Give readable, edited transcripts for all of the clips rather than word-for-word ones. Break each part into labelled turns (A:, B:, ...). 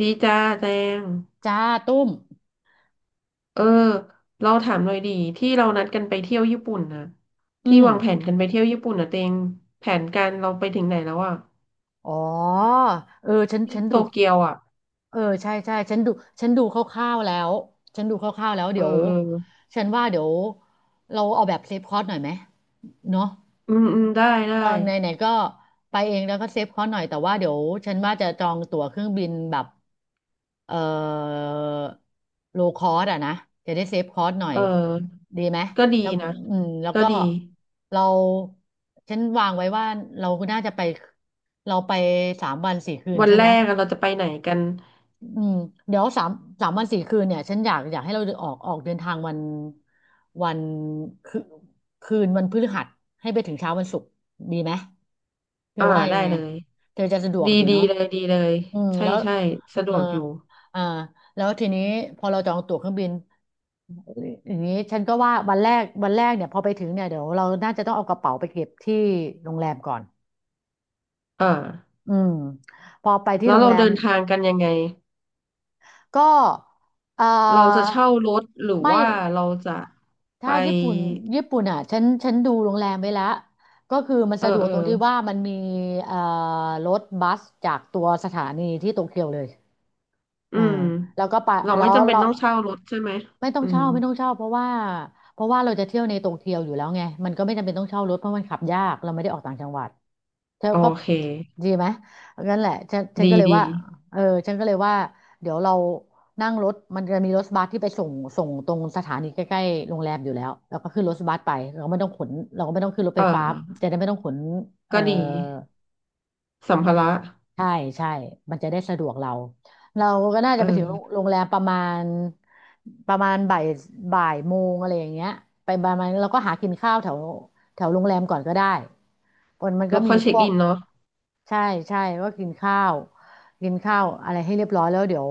A: ดีจ้าแจง
B: จ้าตุ้ม
A: เออเราถามหน่อยดีที่เรานัดกันไปเที่ยวญี่ปุ่นนะ
B: อื
A: ที่
B: ม
A: วางแผนกันไปเที่ยวญี่ปุ่นนะเตงแผนการเราไปถึงไหนแล้วอ่ะ
B: อ๋อ เออฉัน
A: ที่
B: ฉัน
A: โต
B: ดู
A: เกียวอ่ะ
B: เออใช่ใช่ฉันดูคร่าวๆแล้วฉันดูคร่าวๆแล้ว
A: เออ
B: เดี๋ยว
A: เออ
B: ฉันว่าเดี๋ยวเราเอาแบบเซฟคอร์สหน่อยไหมเนาะ
A: อืมอืมได้ ได้
B: ตอนไหนๆก็ไปเองแล้วก็เซฟเขาหน่อยแต่ว่าเดี๋ยวฉันว่าจะจองตั๋วเครื่องบินแบบเอ่อโลคอสอะนะจะได้เซฟคอสหน่อย
A: เออ
B: ดีไหม
A: ก็ดี
B: แล้ว
A: นะ
B: แล้ว
A: ก็
B: ก็
A: ดี
B: เราฉันวางไว้ว่าเราน่าจะไปเราไปสามวันสี่คืน
A: วัน
B: ใช่
A: แร
B: ไหม
A: กอะเราจะไปไหนกัน
B: อืมเดี๋ยวสามวันสี่คืนเนี่ยฉันอยากให้เราออกเดินทางวันวันคืนคืนวันพฤหัสให้ไปถึงเช้าวันศุกร์ดีไหมเธอ
A: อ่า
B: ว่ายั
A: ได้
B: งไง
A: เลย
B: เธอจะสะดวก
A: ดี
B: อยู่
A: ดี
B: เนาะ
A: เลยดีเลย
B: อืม
A: ใช่
B: แล้ว
A: ใช่สะด
B: เออ
A: วกอยู่
B: อ่าแล้วทีนี้พอเราจองตั๋วเครื่องบินอย่างนี้ฉันก็ว่าวันแรกเนี่ยพอไปถึงเนี่ยเดี๋ยวเราน่าจะต้องเอากระเป๋าไปเก็บที่โรงแรมก่อน
A: อ่า
B: อืมพอไปที่
A: แล้ว
B: โรง
A: เรา
B: แร
A: เดิ
B: ม
A: นทางกันยังไง
B: ก็เอ่อ
A: เราจะเช่ารถหรือ
B: ไม่
A: ว่าเราจะไป
B: ถ้าญี่ปุ่นอ่ะฉันดูโรงแรมไว้ละก็คือมัน
A: เออ
B: สะดวก
A: เออ
B: ตรงที่ว่ามันมีเอ่อรถบัสจากตัวสถานีที่โตเกียวเลย
A: อื
B: เอ่า
A: ม
B: แล้วก็ไป
A: เรา
B: แล้
A: ไม่
B: ว
A: จำเป็น
B: เรา
A: ต้องเช่ารถใช่ไหม
B: ไม่ต้อง
A: อืม
B: เช่าไม่ต้องเช่าเพราะว่าเราจะเที่ยวในโตเกียวอยู่แล้วไงมันก็ไม่จำเป็นต้องเช่ารถเพราะมันขับยากเราไม่ได้ออกต่างจังหวัดเธอ
A: โอ
B: ก็
A: เค
B: ดีไหมงั้นแหละฉัน
A: ดี
B: ก็เลย
A: ดี
B: ว่าเออฉันก็เลยว่าเดี๋ยวเรานั่งรถมันจะมีรถบัสที่ไปส่งตรงสถานีใกล้ๆโรงแรมอยู่แล้วเราก็ขึ้นรถบัสไปเราก็ไม่ต้องขนเราก็ไม่ต้องขึ้นรถ
A: เอ
B: ไฟ
A: อ
B: ฟ้าจะได้ไม่ต้องขนเอ่อ
A: ก็ดีสัมภาระ
B: ใช่ใช่มันจะได้สะดวกเราก็น่าจะไปถึงโรง
A: เออ
B: โรงแรมประมาณบ่ายโมงอะไรอย่างเงี้ยไปประมาณเราก็หากินข้าวแถวแถวโรงแรมก่อนก็ได้มันก็
A: แล้ว
B: มี
A: ค่อย
B: พ
A: เช็ค
B: วก
A: อินเนาะ
B: ใช่ใช่ก็กินข้าวอะไรให้เรียบร้อยแล้วเดี๋ยว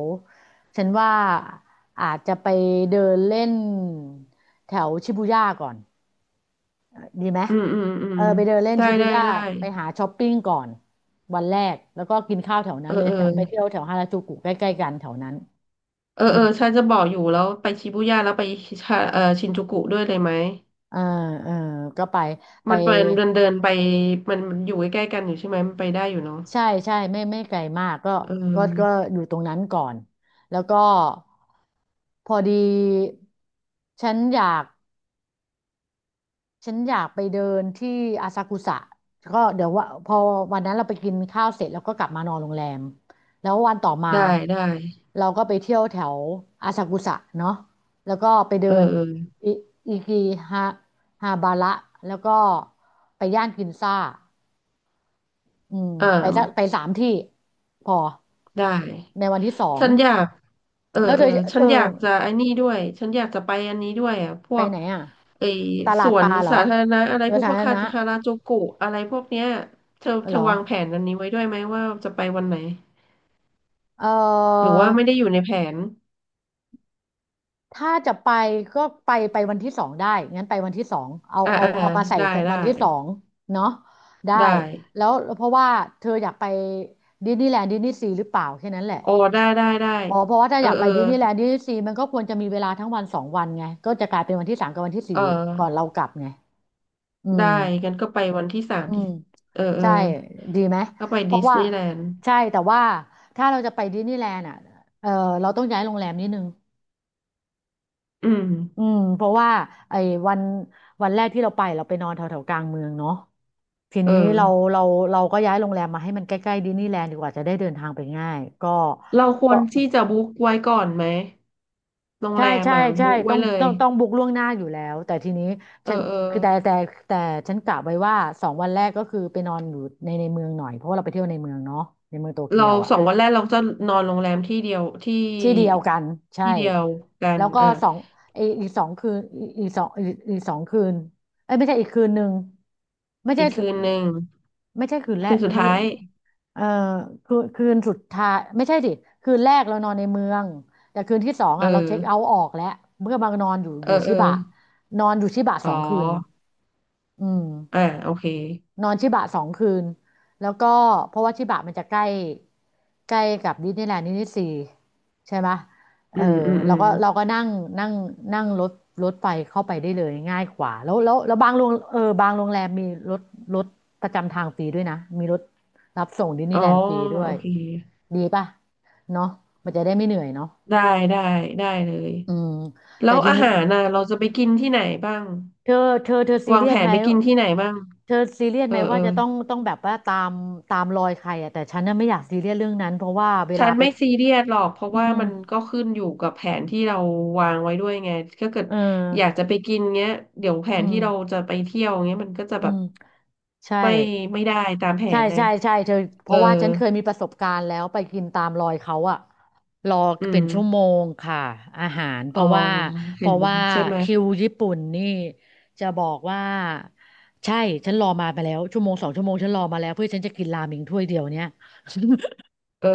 B: ฉันว่าอาจจะไปเดินเล่นแถวชิบูย่าก่อนดีไหม
A: อืมอืมอื
B: เอ
A: ม
B: อไปเดินเล่น
A: ได้
B: ชิบู
A: ได้
B: ย่า
A: ได้
B: ไปหาช้อปปิ้งก่อนวันแรกแล้วก็กินข้าวแถว
A: เอ
B: นั้
A: อ
B: นเลย
A: เออ
B: แถวไปเที่ยวแถวฮาราจูกุใกล้ๆกันแถวนั้น
A: เออ
B: อื
A: เอ
B: ม
A: อฉันจะบอกอยู่แล้วไปชิบูย่าแล้วไปชาชินจูกุด้วยเลยไหม
B: เออเออก็ไปไป
A: มันเป็นเดินเดินไปมันอยู่ใกล้ๆกันอยู่ใช่ไหมมันไปได้อยู่เนาะ
B: ใช่ใช่ไม่ไกลมากก็
A: เอ
B: ก็ก็
A: อ
B: อยู่ตรงนั้นก่อนแล้วก็พอดีฉันอยาก ไปเดินที่อาซากุสะก็เดี๋ยวว่าพอวันนั้นเราไปกินข้าวเสร็จแล้วก็กลับมานอนโรงแรมแล้ววันต่อมา
A: ได้ได้
B: เราก็ไปเที่ยวแถวอาซากุสะเนาะแล้วก็ไป
A: เออ
B: เดิน
A: เออ
B: อิอิกิฮาฮาบาระแล้วก็ไปย่านกินซ่าอืม
A: อ่า
B: ไปสามที่พอ
A: ได้
B: ในวันที่สอง
A: ฉันอยากเออ
B: แล้ว
A: เอ
B: เธ
A: อ
B: อ
A: ฉั
B: เอ
A: น
B: อ
A: อยากจะไอ้นี่ด้วยฉันอยากจะไปอันนี้ด้วยอ่ะพ
B: ไป
A: วก
B: ไหนอ่ะ
A: ไอ้
B: ต
A: ส
B: ลาด
A: ว
B: ป
A: น
B: ลาเหรอ
A: สาธารณะอะไร
B: เรื
A: พ
B: อ
A: วก
B: สาธาร
A: ค
B: ณะ
A: าราจูกุอะไรพวกเนี้ยเธอเธ
B: เหร
A: อ
B: อ
A: วางแผนอันนี้ไว้ด้วยไหมว่าจะไปวันไหน
B: เอ
A: หรือว่าไม่ได้
B: อ
A: อยู่ในแผน
B: ถ้าจะไปก็ไปวันที่สองได้งั้นไปวันที่สองเอา
A: อ่า
B: เอา
A: อ่า
B: เอามาใส่
A: ได้ได้
B: วันที่สองเนาะได้
A: ได้
B: แล้วเพราะว่าเธออยากไปดิสนีย์แลนด์ดิสนีย์ซีหรือเปล่าแค่นั้นแหละ
A: โอ้ได้ได้ได้
B: อ๋อเพราะว่าถ้า
A: เอ
B: อ
A: อ
B: ยากไป
A: เออ
B: ดิสนีย์แลนด์ดิสนีย์ซีมันก็ควรจะมีเวลาทั้งวันสองวันไง ก็จะกลายเป็นวันที่สามกับวันที่สี่
A: เอ
B: ก่อน
A: อ
B: เรากลับไงอื
A: ได้
B: ม
A: งั้นก็ไปวันที่สาม
B: อื
A: ที่
B: ม
A: เออเออ
B: ใช่ดีไหม
A: ก็ไป
B: เพ
A: ดิ
B: ราะ
A: ส
B: ว่า
A: นีย์แลนด์
B: ใช่แต่ว่าถ้าเราจะไปดิสนีย์แลนด์อ่ะเออเราต้องย้ายโรงแรมนิดนึง
A: อืม
B: อืมเพราะว่าไอ้วันวันแรกที่เราไปนอนแถวแถวกลางเมืองเนาะที
A: เออ
B: นี้เราเราก็ย้ายโรงแรมมาให้มันใกล้ๆดิสนีย์แลนด์ดีกว่าจะได้เดินทางไปง่ายก็
A: เราคว
B: ก็
A: รที่จะบุ๊กไว้ก่อนไหม โรง
B: ใช่
A: แรม
B: ใช่
A: อ่ะ
B: ใช่
A: บุ๊ก
B: ต้
A: ไว้
B: อง
A: เลย
B: ต้องต้องบุ๊กล่วงหน้าอยู่แล้วแต่ทีนี้
A: เออ
B: ฉัน
A: เออ
B: คือแต่ฉันกะไว้ว่าสองวันแรกก็คือไปนอนอยู่ในเมืองหน่อยเพราะว่าเราไปเที่ยวในเมืองเนาะในเมืองโตเกีย
A: เรา
B: วอ่ะ
A: สองวันแรกเราจะนอนโรงแรมที่เดียวที่
B: ที่เดียวกันใช่
A: ที่เดียวกั
B: แล้
A: น
B: วก็
A: เออ
B: สองไออีกสองคืนสองสองคืนเอ้ยไม่ใช่อีกคืนหนึ่งไม่
A: อี
B: ใช่
A: กคืนหนึ่ง
B: ไม่ใช่คืนแร
A: คื
B: ก
A: นสุด
B: ไม่
A: ท้าย
B: เออคืนสุดท้ายไม่ใช่ดิคืนแรกเรานอนในเมืองแต่คืนที่สอง
A: เออ
B: อ่ะเราเช็คเอาท์ออกแล้วเมื่อมานอนอยู่
A: เอ
B: อ
A: อ
B: ยู่
A: เอ
B: ชิ
A: อ
B: บะนอนอยู่ชิบะ
A: อ๋
B: สองคืน
A: อ
B: อื
A: อ่า
B: ม
A: โอเค
B: นอนชิบะสองคืนแล้วก็เพราะว่าชิบะมันจะใกล้ใกล้กับดิสนีย์แลนด์ดิสนีย์ซีใช่ไหมเอ
A: อื
B: อ
A: มอืมอื
B: เรา
A: ม
B: ก็เราก็นั่งนั่งนั่งรถไฟเข้าไปได้เลยง่ายกว่าแล้วบางโรงเออบางโรงแรมมีรถรถประจำทางฟรีด้วยนะมีรถรับส่งดิสนี
A: อ๋อ
B: ย์แลนด์ฟรีด้ว
A: โอ
B: ย
A: เค
B: ดีป่ะเนาะมันจะได้ไม่เหนื่อยเนาะ
A: ได้ได้ได้เลย
B: อืม
A: แล้
B: แต่
A: ว
B: ที
A: อา
B: นี้
A: หารน่ะเราจะไปกินที่ไหนบ้าง
B: เธอเธอซี
A: วาง
B: เรีย
A: แผ
B: สไห
A: น
B: ม
A: ไปกินที่ไหนบ้าง
B: เธอซีเรียส
A: เอ
B: ไหม
A: อเอ
B: ว่า
A: อ
B: จะต้องแบบว่าตามรอยใครอ่ะแต่ฉันน่ะไม่อยากซีเรียสเรื่องนั้นเพราะว่าเว
A: ฉั
B: ลา
A: น
B: ไป
A: ไม่ซีเรียสหรอกเพราะ
B: อื
A: ว่ามัน
B: ม
A: ก็ขึ้นอยู่กับแผนที่เราวางไว้ด้วยไงถ้าเกิด
B: เอ
A: อยาก
B: อ
A: จะไปกินเงี้ยเดี๋ยวแผ
B: อื
A: นที่เรา
B: ม
A: จะไปเที่ยวเงี้ยมันก็จะ
B: อื
A: แบบ
B: มใช่
A: ไม่ไม่ได้ตามแผ
B: ใช่
A: นเลย
B: ใช่ใช่เธอเพ
A: เออ
B: ราะว่าฉันเคยมีประสบการณ์แล้วไปกินตามรอยเขาอะรอ
A: อื
B: เป็
A: ม
B: นชั่วโมงค่ะอาหารเพ
A: อ๋อ
B: ราะว่าเพ
A: เห็น
B: ราะ
A: ไหม
B: ว่า
A: ใช่ไหม
B: คิวญี่ปุ่นนี่จะบอกว่าใช่ฉันรอมาไปแล้วชั่วโมงสองชั่วโมงฉันรอมาแล้วเพื่อฉันจะกินราเมงถ้วยเดียวเนี่ย
A: เออ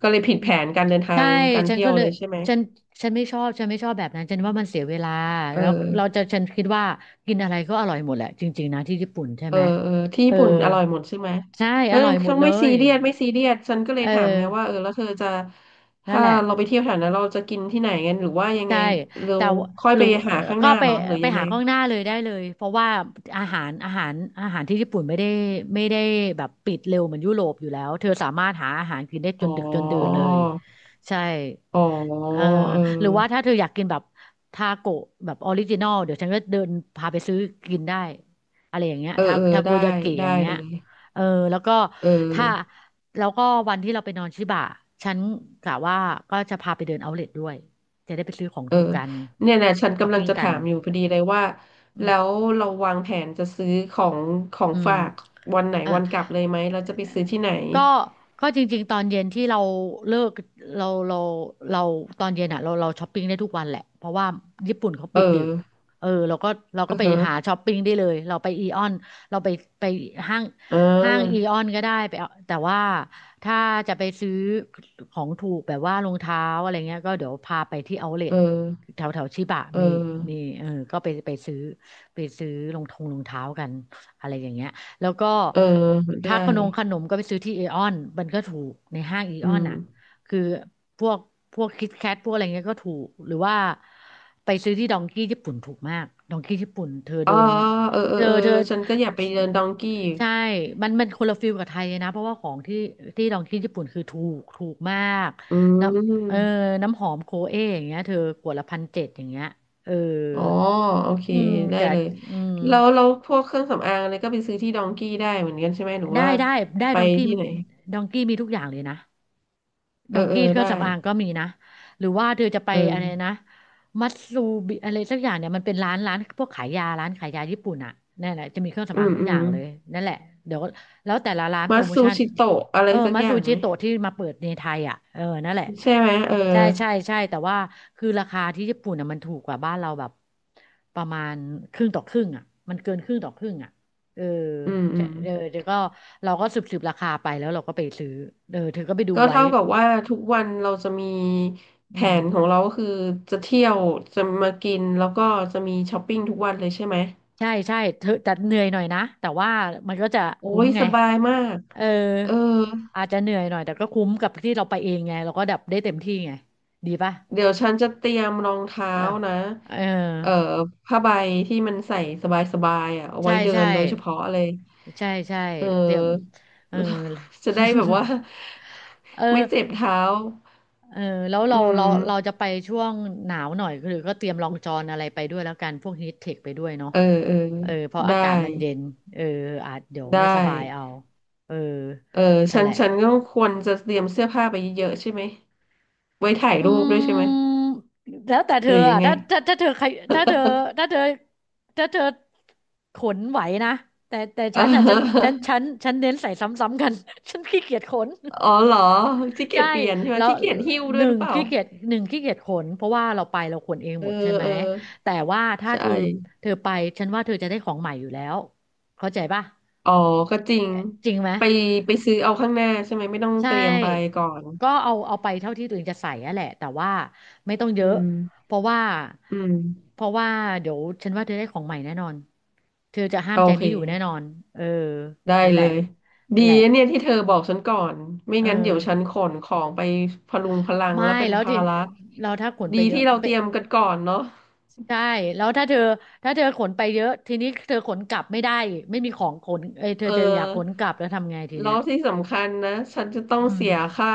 A: ก็เลยผิด
B: อื
A: แผ
B: ม
A: นการเดินทา
B: ใช่
A: งการ
B: ฉัน
A: เที่ย
B: ก็
A: ว
B: เล
A: เล
B: ย
A: ยใช่ไหม
B: ฉันฉันไม่ชอบ ฉันไม่ชอบแบบนั้น ฉันว่ามันเสียเวลา
A: เอ
B: แล้วเรา
A: อ
B: จะฉันคิดว่ากินอะไรก็อร่อยหมดแหละ จริงๆนะที่ญี่ปุ่นใช่
A: เออ
B: ไหม
A: เออที่
B: เอ
A: ญี่
B: อ
A: ปุ่นอร่อยหมดใช่ไหม
B: ใช่
A: เอ
B: อ
A: อ
B: ร่อยหมด
A: เขา
B: เล
A: ไม่ซี
B: ย
A: เรียสฉันก็เล
B: เอ
A: ย
B: อ
A: ถามไงว่าเออแล้วเธอจะ
B: นั่น
A: ถ้า
B: แหละ
A: เราไปเที่ยวแถวนั้นเราจะกินที่ไหนกันหรือว่ายังไง
B: ใช่
A: เรา
B: แต่ว่า
A: ค่อย
B: หรื
A: ไป
B: อ
A: หาข้างห
B: ก็
A: น้า
B: ไป
A: เหรอหรือ
B: ไป
A: ยังไง
B: หาข้างหน้าเลยได้เลยเพราะว่าอาหารอาหารอาหารที่ญี่ปุ่นไม่ได้แบบปิดเร็วเหมือนยุโรปอยู่แล้วเธอสามารถหาอาหารกินได้จ
A: อ๋
B: นดึกจนดื่นเล
A: อ
B: ยใช่
A: อ๋อ
B: เออ
A: เอ
B: หรือว่าถ้า
A: อ
B: เธออยากกินแบบทาโกะแบบออริจินอลเดี๋ยวฉันก็เดินพาไปซื้อกินได้อะไรอย่างเงี้ย
A: เออ
B: ทา
A: เออ
B: ทาโก
A: ได้
B: ยากิอ
A: ได้
B: ย่างเงี้
A: เล
B: ย
A: ย
B: เออแล้วก็
A: เ
B: ถ้า
A: ออ
B: แล้วก็วันที่เราไปนอนชิบะฉันกะว่าก็จะพาไปเดินเอาท์เลด้วย จะได้ไปซื้อของ
A: เออ
B: ถูกกัน
A: เนี่ยนะฉัน
B: ช้อป
A: กำลัง
B: ปิ้ง
A: จะ
B: กั
A: ถา
B: น
A: มอยู่พอดีเลยว่า
B: อืม
A: แล้วเราวางแผนจะซื้อของ
B: อืม
A: ฝากวันไหน
B: อ่ะ
A: วันกลับเลยไหมเราจะไปซื้อที่ไหน
B: ก็ก็จริงๆตอนเย็นที่เราเลิกเราเราเราตอนเย็นอ่ะเราช้อปปิ้งได้ทุกวันแหละเพราะว่าญี่ปุ่นเขา
A: เอ
B: ปิดดึ
A: อ
B: กเออเราก็เรา
A: อื
B: ก็
A: อ
B: ไปหา
A: ฮะ
B: ช้อปปิ้งได้เลยเราไปอีออนเราไปห้าง
A: อ่
B: ห้างอีอ
A: า
B: อนก็ได้ไปเอาแต่ว่าถ้าจะไปซื้อของถูกแบบว่ารองเท้าอะไรเงี้ยก็เดี๋ยวพาไปที่เอาท์เล
A: เอ
B: ท
A: อ
B: แถวแถวชิบะ
A: เออ
B: มีเออก็ไปซื้อรองเท้ากันอะไรอย่างเงี้ย แล้วก็
A: เออได้
B: ถ้าขนมก็ไปซื้อที่เอออนมันก็ถูกในห้างเออ
A: อื
B: อน
A: ม
B: อ่ะคือพวกพวกคิตแคทพวกอะไรเงี้ยก็ถูกหรือว่าไปซื้อที่ดองกี้ญี่ปุ่นถูกมากดองกี้ญี่ปุ่นเธอ
A: อ๋อ
B: เดิน
A: เออเอ
B: เธ
A: อ
B: อ
A: เออ
B: เธอ
A: ฉันก็อยากไปเดินดองกี้
B: ใช่มันคนละฟิลกับไทยเลยนะเพราะว่าของที่ที่ลองที่ญี่ปุ่นคือถูกถูกมาก
A: อื
B: น้ำเออ
A: ม
B: น้ำหอมโคเออย่างเงี้ยเธอขวดละพันเจ็ดอย่างเงี้ยเออ
A: อ๋อโอเค
B: อืม
A: ได้
B: แต่
A: เลย
B: อืม
A: แล้วเราพวกเครื่องสำอางอะไรก็ไปซื้อที่ดองกี้ได้เหมือนกันใช่ไหมหรือ
B: ได้
A: ว่า
B: ได้ได้
A: ไป
B: ดองกี้
A: ที่ไหน
B: ดองกี้มีทุกอย่างเลยนะ
A: เอ
B: ด
A: อ
B: อง
A: เออ
B: กี้เครื่อ
A: ได้
B: งสำอางก็มีนะหรือว่าเธอจะไป
A: เอ
B: อะ
A: อ
B: ไรนะมัตซูบิอะไรสักอย่างเนี่ยมันเป็นร้านพวกขายยาร้านขายยาญี่ปุ่นอ่ะนั่นแหละจะมีเครื่อง
A: อื
B: สำอาง
A: ม
B: ทุก
A: อื
B: อย่าง
A: ม
B: เลยนั่นแหละเดี๋ยวแล้วแต่ละร้านโป
A: มา
B: รโม
A: ซู
B: ชั่น
A: ชิโตะอะไร
B: เออ
A: สัก
B: มัต
A: อ
B: ซู
A: ย่างไห
B: จิ
A: ม
B: โตะที่มาเปิดในไทยอ่ะเออนั่นแหละ
A: ใช่ไหมเออ
B: ใช่ใช่ใช่แต่ว่าคือราคาที่ญี่ปุ่นอ่ะมันถูกกว่าบ้านเราแบบประมาณครึ่งต่อครึ่งอ่ะมันเกินครึ่งต่อครึ่งอ่ะเออ
A: อืมอื
B: ใช่
A: ม
B: เออเดี๋ยวก็เราก็สืบราคาไปแล้วเราก็ไปซื้อเออเธอก็ไปดู
A: ก็
B: ไว้
A: เท่ากับว่าทุกวันเราจะมีแผ
B: อืม
A: นของเราก็คือจะเที่ยวจะมากินแล้วก็จะมีช้อปปิ้งทุกวันเลยใช่ไหม
B: ใช่ใช่เธอแต่เหนื่อยหน่อยนะแต่ว่ามันก็จะ
A: โอ้
B: คุ้ม
A: ย
B: ไง
A: สบายมาก
B: เออ
A: เออ
B: อาจจะเหนื่อยหน่อยแต่ก็คุ้มกับที่เราไปเองไงเราก็ดับได้เต็มที่ไงดีป่ะ
A: เดี๋ยวฉันจะเตรียมรองเท้า
B: เออ
A: นะ
B: เออ
A: เอ่อผ้าใบที่มันใส่สบายๆอ่ะเอา
B: ใช่
A: ไว้เดิ
B: ใช่
A: นโดยเฉพาะเลย
B: ใช่ใช่
A: เอ
B: เตรียม
A: อ
B: เออ
A: จะได้แบบว่า
B: เอ
A: ไม่
B: อ
A: เจ็บเท้า
B: เออแล้ว
A: อื
B: เราเรา
A: ม
B: เราจะไปช่วงหนาวหน่อยคือก็เตรียมรองจอนอะไรไปด้วยแล้วกันพวกฮีทเทคไปด้วยเนาะ
A: เออ
B: เออเพราะอา
A: ได้
B: กาศมันเย็นเอออาจเดี๋ยว
A: ได้
B: ไม่สบายเอาเออ
A: เออ
B: นั่น
A: ฉั
B: แห
A: น
B: ละ
A: ฉันก็ควรจะเตรียมเสื้อผ้าไปเยอะๆใช่ไหมไว้ถ่ายรู
B: อื
A: ปด้วยใช่ไหม
B: มแล้วแต่เธ
A: ห
B: อ
A: รือยั
B: อ่ะ
A: งไง
B: ถ้าเธอใครถ้าเธอถ้าเธอถ้าเธอขนไหวนะแต่
A: เอ
B: ฉันอ่ะฉันฉั
A: อ
B: นฉันฉันเน้นใส่ซ้ำๆกัน ฉันขี้เกียจขน
A: อ๋อเหรอขี้เกีย
B: ใช่
A: จเปลี่ยนใช่ไหม
B: แล้ว
A: ขี้เกียจหิ้ว
B: ห
A: ด้วย
B: นึ่
A: หรื
B: ง
A: อเปล่า
B: ขี้เกียจหนึ่งขี้เกียจขนเพราะว่าเราไปเราขนเอง
A: เอ
B: หม
A: อ
B: ดใช่ไหม
A: เออ
B: แต่ว่าถ้า
A: ใช
B: เธอ
A: ่
B: เธอไปฉันว่าเธอจะได้ของใหม่อยู่แล้วเข้าใจป่ะ
A: อ๋อก็จริง
B: จริงไหม
A: ไปไปซื้อเอาข้างหน้าใช่ไหมไม่ต้อง
B: ใช
A: เตรียมไป
B: ่
A: ก่อน
B: ก็เอาไปเท่าที่ตัวเองจะใส่อะแหละแต่ว่าไม่ต้องเย
A: อื
B: อะ
A: ม
B: เพราะว่า
A: อืม
B: เพราะว่าเดี๋ยวฉันว่าเธอได้ของใหม่แน่นอน เธอจะห้า
A: โอ
B: มใจ
A: เ
B: ไม่อยู่แน่นอ
A: ค
B: นเออ
A: ได้
B: นั่นแห
A: เล
B: ละ
A: ย
B: นั่
A: ดี
B: นแหละ
A: นะเนี่ยที่เธอบอกฉันก่อนไม่
B: เอ
A: งั้นเดี๋ยวฉัน
B: อ
A: ขนของไปพะลุงพะลัง
B: ไม่
A: แล้วเป็น
B: แล้ว
A: ภา
B: ที
A: ระ
B: เราถ้าขนไป
A: ดี
B: เยอะ
A: ที่เรา
B: ไป
A: เตรียมกันก่อนเนาะ
B: ใช่แล้วถ้าเธอขนไปเยอะทีนี้เธอขนกลับไม่ได้ไม่มีของขนเอยเธอ
A: เออ
B: จะอยากขนกลับแล้วทำไงที
A: แล้
B: เนี้ย
A: วที่สำคัญนะฉันจะต้อง
B: อื
A: เสี
B: ม
A: ยค่า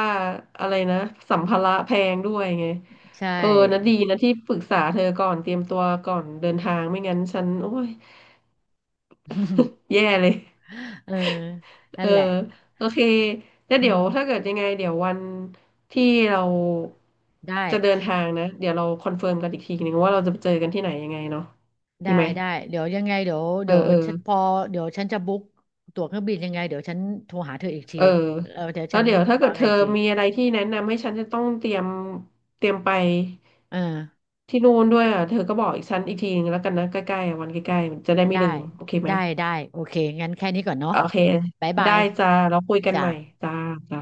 A: อะไรนะสัมภาระแพงด้วยไง
B: ใช
A: เออนะดี
B: ่
A: นะที่ปรึกษาเธอก่อนเตรียมตัวก่อนเดินทางไม่งั้นฉันโอ้ย แย่เลย
B: เออนั่
A: เอ
B: น
A: อ
B: แหละ
A: โอเคแล้ว
B: อื
A: เดี๋ยว
B: ม
A: ถ้าเกิดยังไงเดี๋ยววันที่เรา
B: ได้
A: จะเดินทางนะเดี๋ยวเราคอนเฟิร์มกันอีกทีนึงว่าเราจะไปเจอกันที่ไหนยังไงเนาะ
B: ได้
A: ดีไหม
B: ได้เดี๋ยวยังไงเดี๋ยว
A: เออ
B: เดี๋ยว
A: เออ
B: ฉันพอเดี๋ยวฉันจะบุ๊กตั๋วเครื่องบินยังไงเดี๋ยวฉันโทรหาเธออีกที
A: เออ
B: เออเดี๋ยว
A: แล้
B: ฉั
A: ว
B: น
A: เดี๋ยวถ้าเกิ
B: ว่า
A: ดเธ
B: ไง
A: อ
B: อีกที
A: มีอะไรที่แนะนำให้ฉันจะต้องเตรียมไป
B: เออ
A: ที่นู่นด้วยอ่ะเธอก็บอกอีกฉันอีกทีนึงแล้วกันนะใกล้ๆอ่ะวันใกล้ๆมันจะได้ไม่
B: ได้
A: ลืมโอเคไหม
B: ได้ได้โอเคงั้นแค่นี้ก่อนเนาะ
A: โอเค
B: บ๊ายบา
A: ได้
B: ย
A: จ้าเราคุยกัน
B: จ้ะ
A: ใหม่จ้าจ้า